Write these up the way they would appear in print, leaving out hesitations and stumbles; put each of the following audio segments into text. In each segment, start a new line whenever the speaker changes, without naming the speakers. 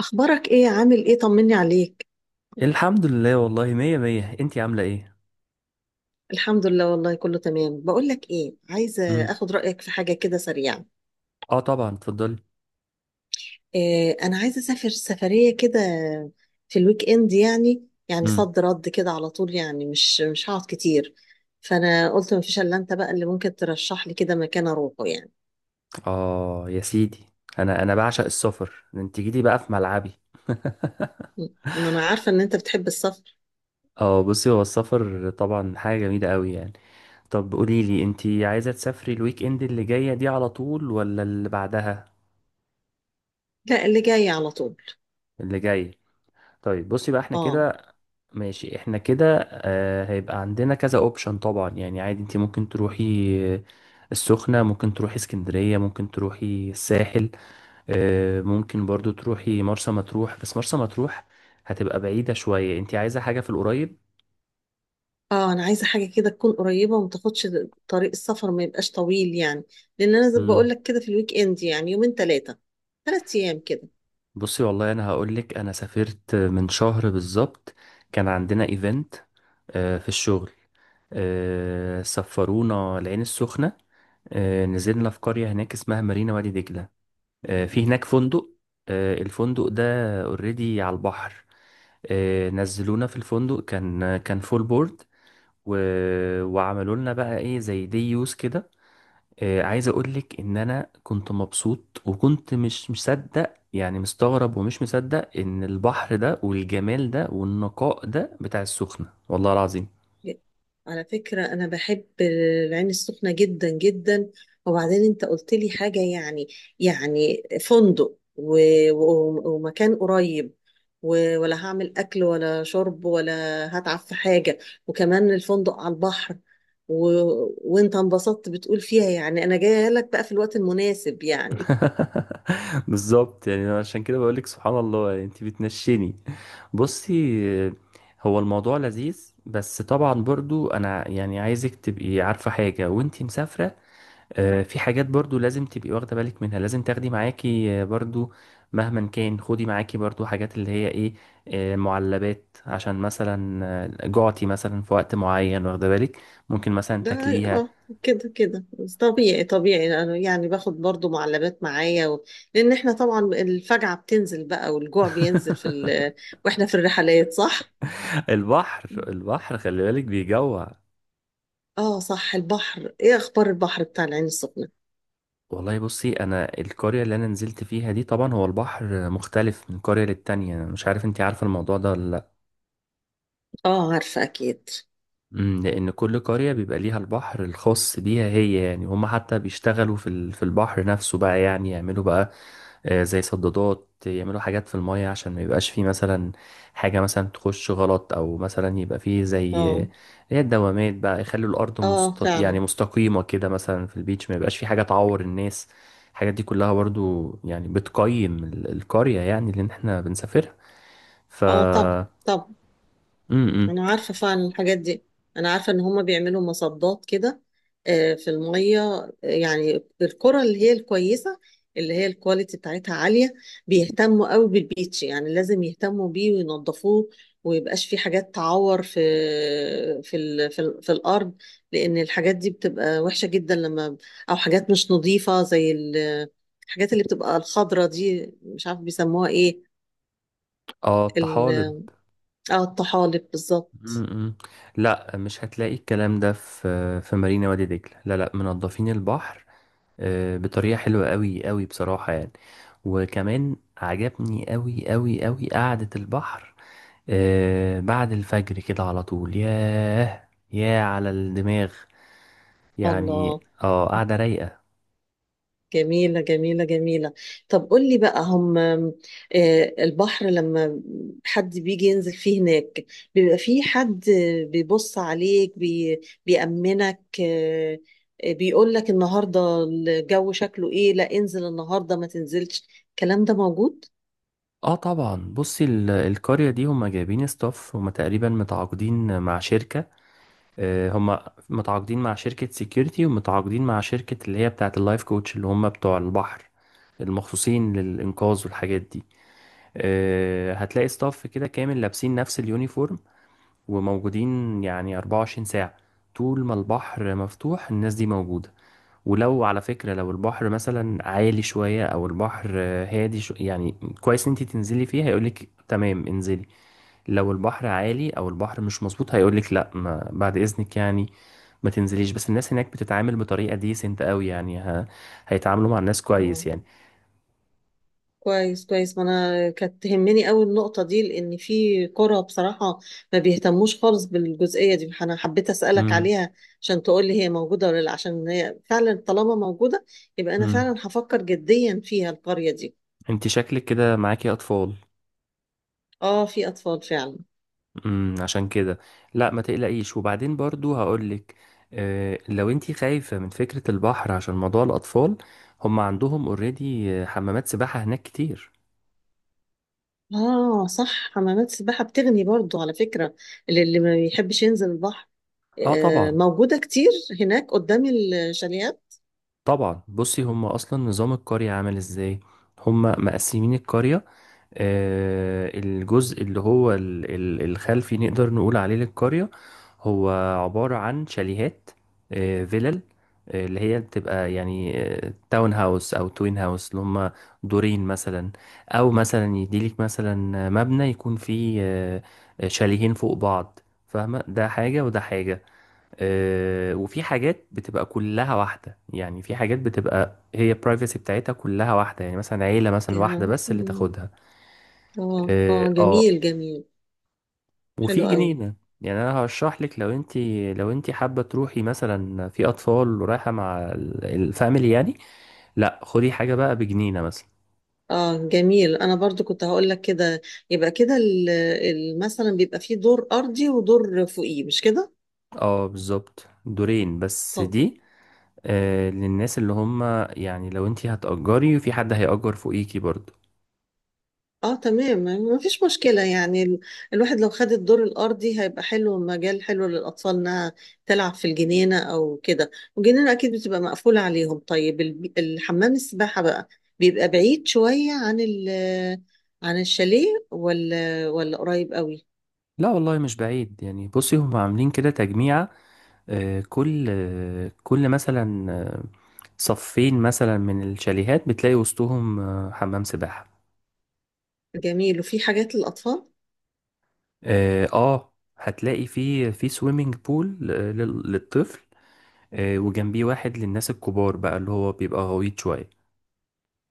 اخبارك ايه، عامل ايه؟ طمني عليك.
الحمد لله والله مية مية انتي عاملة ايه؟
الحمد لله، والله كله تمام. بقول لك ايه، عايزه
مم.
اخد رايك في حاجه كده سريعه.
اه طبعا اتفضلي.
إيه، انا عايزه اسافر سفريه كده في الويك اند. يعني
مم.
صد رد كده على طول، يعني مش هقعد كتير. فانا قلت مفيش الا انت بقى اللي ممكن ترشح لي كده مكان اروحه يعني.
اه يا سيدي، انا بعشق السفر، انتي جيتي بقى في ملعبي.
انا عارفه ان انت بتحب السفر.
اه بصي، هو السفر طبعا حاجة جميلة قوي يعني. طب قولي لي انتي عايزة تسافري الويك اند اللي جاية دي على طول ولا اللي بعدها؟
لا، اللي جاي على طول.
اللي جاي. طيب بصي بقى احنا
اه،
كده، ماشي احنا كده آه هيبقى عندنا كذا اوبشن طبعا يعني عادي انتي ممكن تروحي آه، السخنة، ممكن تروحي اسكندرية، ممكن تروحي الساحل، ممكن برضو تروحي مرسى مطروح، بس مرسى مطروح هتبقى بعيدة شوية، انت عايزة حاجة في القريب.
اه، انا عايزه حاجه كده تكون قريبه، وما تاخدش طريق السفر، ما يبقاش طويل يعني. لان انا زي ما
امم.
بقول لك كده في الويك اند، يعني يومين، ثلاثه، ثلاث ايام كده.
بصي والله انا هقولك انا سافرت من شهر بالظبط، كان عندنا ايفنت في الشغل، سفرونا العين السخنة، نزلنا في قرية هناك اسمها مارينا وادي دجلة، في هناك فندق، الفندق ده اوريدي على البحر، نزلونا في الفندق، كان فول بورد و... وعملوا لنا بقى ايه زي دي يوز كده. عايز اقولك ان انا كنت مبسوط، وكنت مش مصدق يعني، مستغرب ومش مصدق ان البحر ده والجمال ده والنقاء ده بتاع السخنة، والله العظيم.
على فكرة، أنا بحب العين السخنة جدا جدا. وبعدين أنت قلت لي حاجة، يعني فندق و... و... ومكان قريب، ولا هعمل أكل ولا شرب، ولا هتعب في حاجة، وكمان الفندق على البحر، و... وأنت انبسطت بتقول فيها. يعني أنا جاية لك بقى في الوقت المناسب يعني.
بالظبط يعني، أنا عشان كده بقولك سبحان الله يعني انت بتنشني. بصي، آه، هو الموضوع لذيذ، بس طبعا برضو انا يعني عايزك تبقي عارفة حاجة وانت مسافرة. في حاجات برضو لازم تبقي واخدة بالك منها، لازم تاخدي معاكي برضو مهما كان، خدي معاكي برضو حاجات اللي هي ايه، معلبات، عشان مثلا جعتي مثلا في وقت معين واخدة بالك، ممكن مثلا
ده،
تاكليها.
اه، كده كده، بس طبيعي طبيعي، لأنه يعني باخد برضو معلبات معايا، لان احنا طبعا الفجعة بتنزل بقى، والجوع بينزل في واحنا في الرحلات، صح.
البحر
مم.
البحر خلي بالك بيجوع.
اه، صح. البحر، ايه اخبار البحر بتاع العين السخنة؟
والله بصي انا القرية اللي انا نزلت فيها دي طبعا هو البحر مختلف من قرية للتانية، مش عارف انتي عارفة الموضوع ده ولا لأ.
اه، عارفة اكيد.
امم، لأن كل قرية بيبقى ليها البحر الخاص بيها هي، يعني هم حتى بيشتغلوا في البحر نفسه بقى يعني، يعملوا بقى زي صدادات، يعملوا حاجات في المية عشان ما يبقاش فيه مثلا حاجة مثلا تخش غلط، أو مثلا يبقى فيه زي
اه،
هي الدوامات بقى، يخلوا الأرض
اه،
يعني
فعلا.
مستقيمة كده مثلا في البيتش، ما يبقاش فيه حاجة تعور الناس. الحاجات دي كلها برضو يعني بتقيم القرية يعني اللي احنا بنسافرها. ف
اه، طب، طب،
امم.
انا عارفه فعلا الحاجات دي. انا عارفه ان هما بيعملوا مصدات كده في الميه، يعني القرى اللي هي الكويسه، اللي هي الكواليتي بتاعتها عاليه، بيهتموا قوي بالبيتش. يعني لازم يهتموا بيه وينظفوه، ويبقاش في حاجات تعور في في ال في, ال في الارض، لان الحاجات دي بتبقى وحشه جدا لما او حاجات مش نظيفه زي الحاجات اللي بتبقى الخضره دي، مش عارف بيسموها ايه.
اه
ال-
الطحالب.
اه، الطحالب بالظبط.
م-م. لا، مش هتلاقي الكلام ده في مارينا وادي دجلة، لا لا، منظفين البحر بطريقة حلوة قوي قوي بصراحة يعني. وكمان عجبني قوي قوي قوي قعدة البحر بعد الفجر كده على طول، ياه ياه على الدماغ يعني.
الله.
اه قاعدة رايقة.
جميلة جميلة جميلة. طب قول لي بقى هم، البحر، لما حد بيجي ينزل فيه هناك، بيبقى فيه حد بيبص عليك، بيأمنك، بيقول لك النهاردة الجو شكله ايه؟ لا، انزل النهاردة، ما تنزلش. الكلام ده موجود؟
اه طبعا بصي، القرية دي هما جايبين ستاف، هما تقريبا متعاقدين مع شركة، هم متعاقدين مع شركة سيكيورتي، ومتعاقدين مع شركة اللي هي بتاعة اللايف كوتش، اللي هم بتوع البحر المخصوصين للإنقاذ والحاجات دي. هتلاقي ستاف كده كامل لابسين نفس اليونيفورم، وموجودين يعني 24 ساعة، طول ما البحر مفتوح الناس دي موجودة. ولو على فكرة، لو البحر مثلا عالي شوية أو البحر هادي شو يعني كويس إن أنت تنزلي فيه، هيقولك تمام انزلي. لو البحر عالي أو البحر مش مظبوط هيقولك لأ، ما بعد إذنك يعني ما تنزليش. بس الناس هناك بتتعامل بطريقة ديسنت أوي يعني، هيتعاملوا مع الناس كويس يعني.
كويس كويس، ما انا كانت تهمني قوي النقطه دي. لان في قرى بصراحه ما بيهتموش خالص بالجزئيه دي، فانا حبيت اسالك
امم
عليها عشان تقول لي هي موجوده ولا لا. عشان هي فعلا طالما موجوده، يبقى انا
امم
فعلا هفكر جديا فيها القريه دي.
أنت شكلك كده معاكي أطفال.
اه، في اطفال فعلا.
عشان كده، لا ما تقلقيش، وبعدين برضو هقولك لو انتي خايفة من فكرة البحر عشان موضوع الأطفال، هم عندهم اوريدي حمامات سباحة هناك كتير.
اه، صح. حمامات السباحه بتغني برضو على فكره، للي ما بيحبش ينزل البحر.
اه
آه،
طبعا.
موجوده كتير هناك قدام الشاليهات.
طبعا بصي هم أصلا نظام القرية عامل ازاي، هم مقسمين القرية، الجزء اللي هو الخلفي نقدر نقول عليه للقرية، هو عبارة عن شاليهات، فيلل، اللي هي بتبقى يعني تاون هاوس أو توين هاوس، اللي هم دورين مثلا، أو مثلا يديلك مثلا مبنى يكون فيه شاليهين فوق بعض، فاهمة، ده حاجة وده حاجة. وفي حاجات بتبقى كلها واحدة، يعني في حاجات بتبقى هي البرايفسي بتاعتها كلها واحدة يعني، مثلا عيلة مثلا واحدة بس اللي
اه،
تاخدها.
اه،
اه
جميل جميل، حلو
وفي
قوي.
جنينة، يعني انا هشرح لك. لو انت، لو انت حابة تروحي مثلا في اطفال ورايحة مع الفاميلي يعني، لا خدي حاجة بقى بجنينة مثلا.
اه، جميل. انا برضو كنت هقول لك كده. يبقى كده مثلا بيبقى فيه دور ارضي ودور فوقيه، مش كده؟
اه بالظبط دورين بس
طب.
دي للناس اللي هم، يعني لو انت هتأجري وفي حد هيأجر فوقيكي برضو.
اه، تمام، ما فيش مشكلة. يعني الواحد لو خد الدور الارضي هيبقى حلو، مجال حلو للاطفال، انها تلعب في الجنينة او كده، والجنينة اكيد بتبقى مقفولة عليهم. طيب الحمام السباحة بقى بيبقى بعيد شوية عن عن الشاليه، ولا قريب قوي؟
لا والله مش بعيد يعني، بصي هم عاملين كده تجميعة، كل مثلا صفين مثلا من الشاليهات بتلاقي وسطهم آه حمام سباحة.
جميل، وفي حاجات للاطفال.
اه هتلاقي في سويمنج بول للطفل، وجنبيه واحد للناس الكبار بقى، اللي هو بيبقى غويط شوية.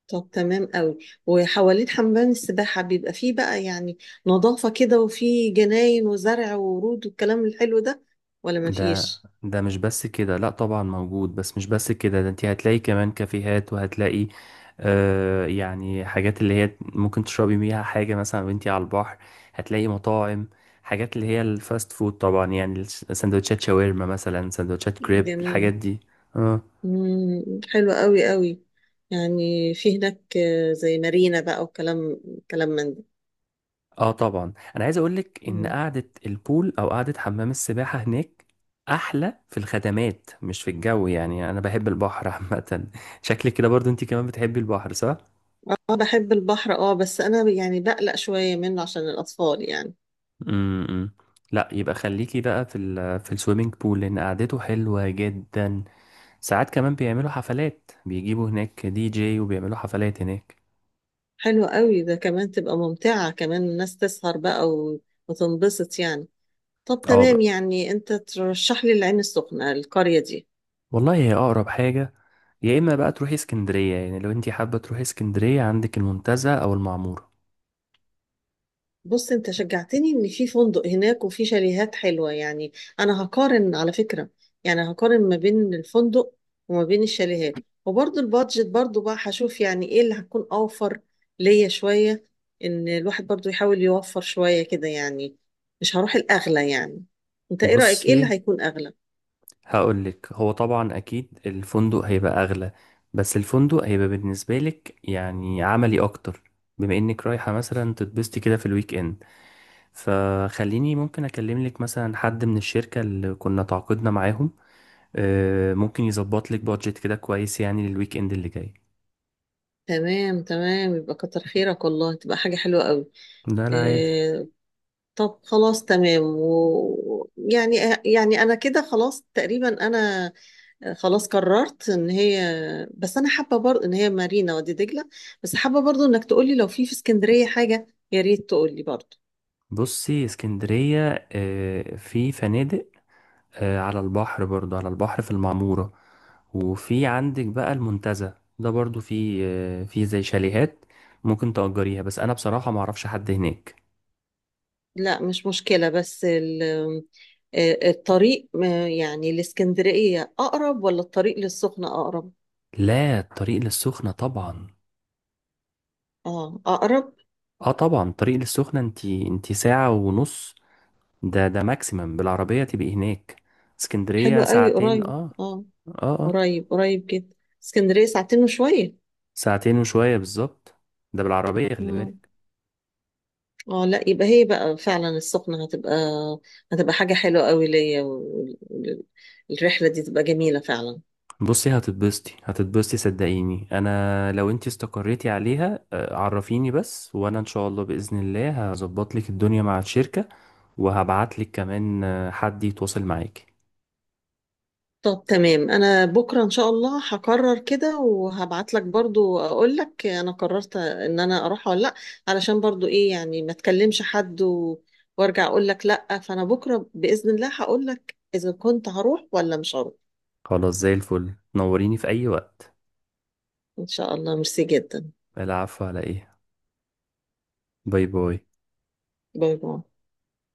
طب تمام قوي. وحوالين حمام السباحة بيبقى فيه بقى، يعني نظافة كده، وفيه جناين وزرع وورود والكلام الحلو ده، ولا
ده
مفيش؟
ده مش بس كده، لا طبعا موجود، بس مش بس كده، ده انت هتلاقي كمان كافيهات، وهتلاقي يعني حاجات اللي هي ممكن تشربي بيها حاجة مثلا وانتي على البحر، هتلاقي مطاعم، حاجات اللي هي الفاست فود طبعا يعني، سندوتشات شاورما مثلا، سندوتشات كريب، الحاجات
جميل.
دي. آه.
مم. حلو قوي قوي. يعني في هناك، زي مارينا بقى، وكلام من ده.
اه طبعا انا عايز اقولك ان
مم.
قعده البول او قعده حمام السباحه هناك احلى في الخدمات مش في الجو، يعني انا بحب البحر عامه. شكلك كده برضو انت كمان بتحبي البحر، صح؟
اه، بحب البحر، اه بس انا يعني بقلق شوية منه عشان الأطفال يعني.
امم. لا يبقى خليكي بقى في في السويمنج بول، لان قعدته حلوه جدا. ساعات كمان بيعملوا حفلات، بيجيبوا هناك دي جي، وبيعملوا حفلات هناك.
حلو قوي. ده كمان تبقى ممتعة، كمان الناس تسهر بقى وتنبسط يعني. طب
اه
تمام.
بقى
يعني انت ترشح لي العين السخنة، القرية دي.
والله هي اقرب حاجه، يا اما بقى تروحي اسكندريه يعني، لو انت حابه تروحي اسكندريه عندك المنتزه او المعموره.
بص، انت شجعتني ان في فندق هناك وفي شاليهات حلوة يعني. انا هقارن على فكرة. يعني هقارن ما بين الفندق وما بين الشاليهات، وبرضو البادجت برضو بقى هشوف، يعني ايه اللي هتكون اوفر ليا شوية. ان الواحد برضو يحاول يوفر شوية كده يعني، مش هروح الاغلى يعني. انت ايه رأيك، ايه اللي
بصي
هيكون اغلى؟
هقول لك، هو طبعا اكيد الفندق هيبقى اغلى، بس الفندق هيبقى بالنسبه لك يعني عملي اكتر، بما انك رايحه مثلا تتبسطي كده في الويك اند. فخليني ممكن اكلم لك مثلا حد من الشركه اللي كنا تعاقدنا معاهم، ممكن يظبط لك بادجت كده كويس يعني للويك اند اللي جاي.
تمام تمام، يبقى كتر خيرك والله، تبقى حاجة حلوة قوي.
ده لا عادي.
طب خلاص، تمام. يعني، يعني انا كده خلاص تقريبا، انا خلاص قررت ان هي، بس انا حابه برضه ان هي مارينا وادي دجله. بس حابه برضه انك تقولي لو في اسكندريه حاجه، يا ريت تقولي برضه.
بصي اسكندريه في فنادق على البحر برضو، على البحر في المعمورة، وفي عندك بقى المنتزه ده برضو، في في زي شاليهات ممكن تأجريها، بس أنا بصراحة ما أعرفش حد هناك.
لا، مش مشكله. بس الطريق، يعني الاسكندريه اقرب ولا الطريق للسخنه اقرب؟
لا الطريق للسخنة طبعا.
اه، اقرب.
اه طبعا الطريق للسخنة، انتي ساعة ونص، ده ماكسيمم بالعربية تبقي هناك،
حلو
اسكندرية
قوي،
ساعتين.
قريب.
اه
اه،
اه اه
قريب قريب جدا. اسكندريه ساعتين وشويه.
ساعتين وشوية بالظبط، ده بالعربية خلي
آه.
بالك.
اه، لا. يبقى هي بقى فعلا السخنة، هتبقى حاجة حلوة قوي ليا، والرحلة دي تبقى جميلة فعلا.
بصي هتتبسطي هتتبسطي صدقيني، انا لو انتي استقريتي عليها عرفيني بس، وانا ان شاء الله باذن الله هظبط لك الدنيا مع الشركه، وهبعت لك كمان حد يتواصل معاكي.
طب تمام. انا بكرة ان شاء الله هقرر كده وهبعت لك برضو، اقول لك انا قررت ان انا اروح ولا لا، علشان برضو ايه يعني، ما تكلمش حد وارجع اقول لك لا. فانا بكرة بإذن الله هقول لك اذا كنت هروح ولا مش هروح.
خلاص زي الفل، نوريني في اي وقت.
ان شاء الله. ميرسي جدا.
العفو على ايه، باي باي.
باي باي.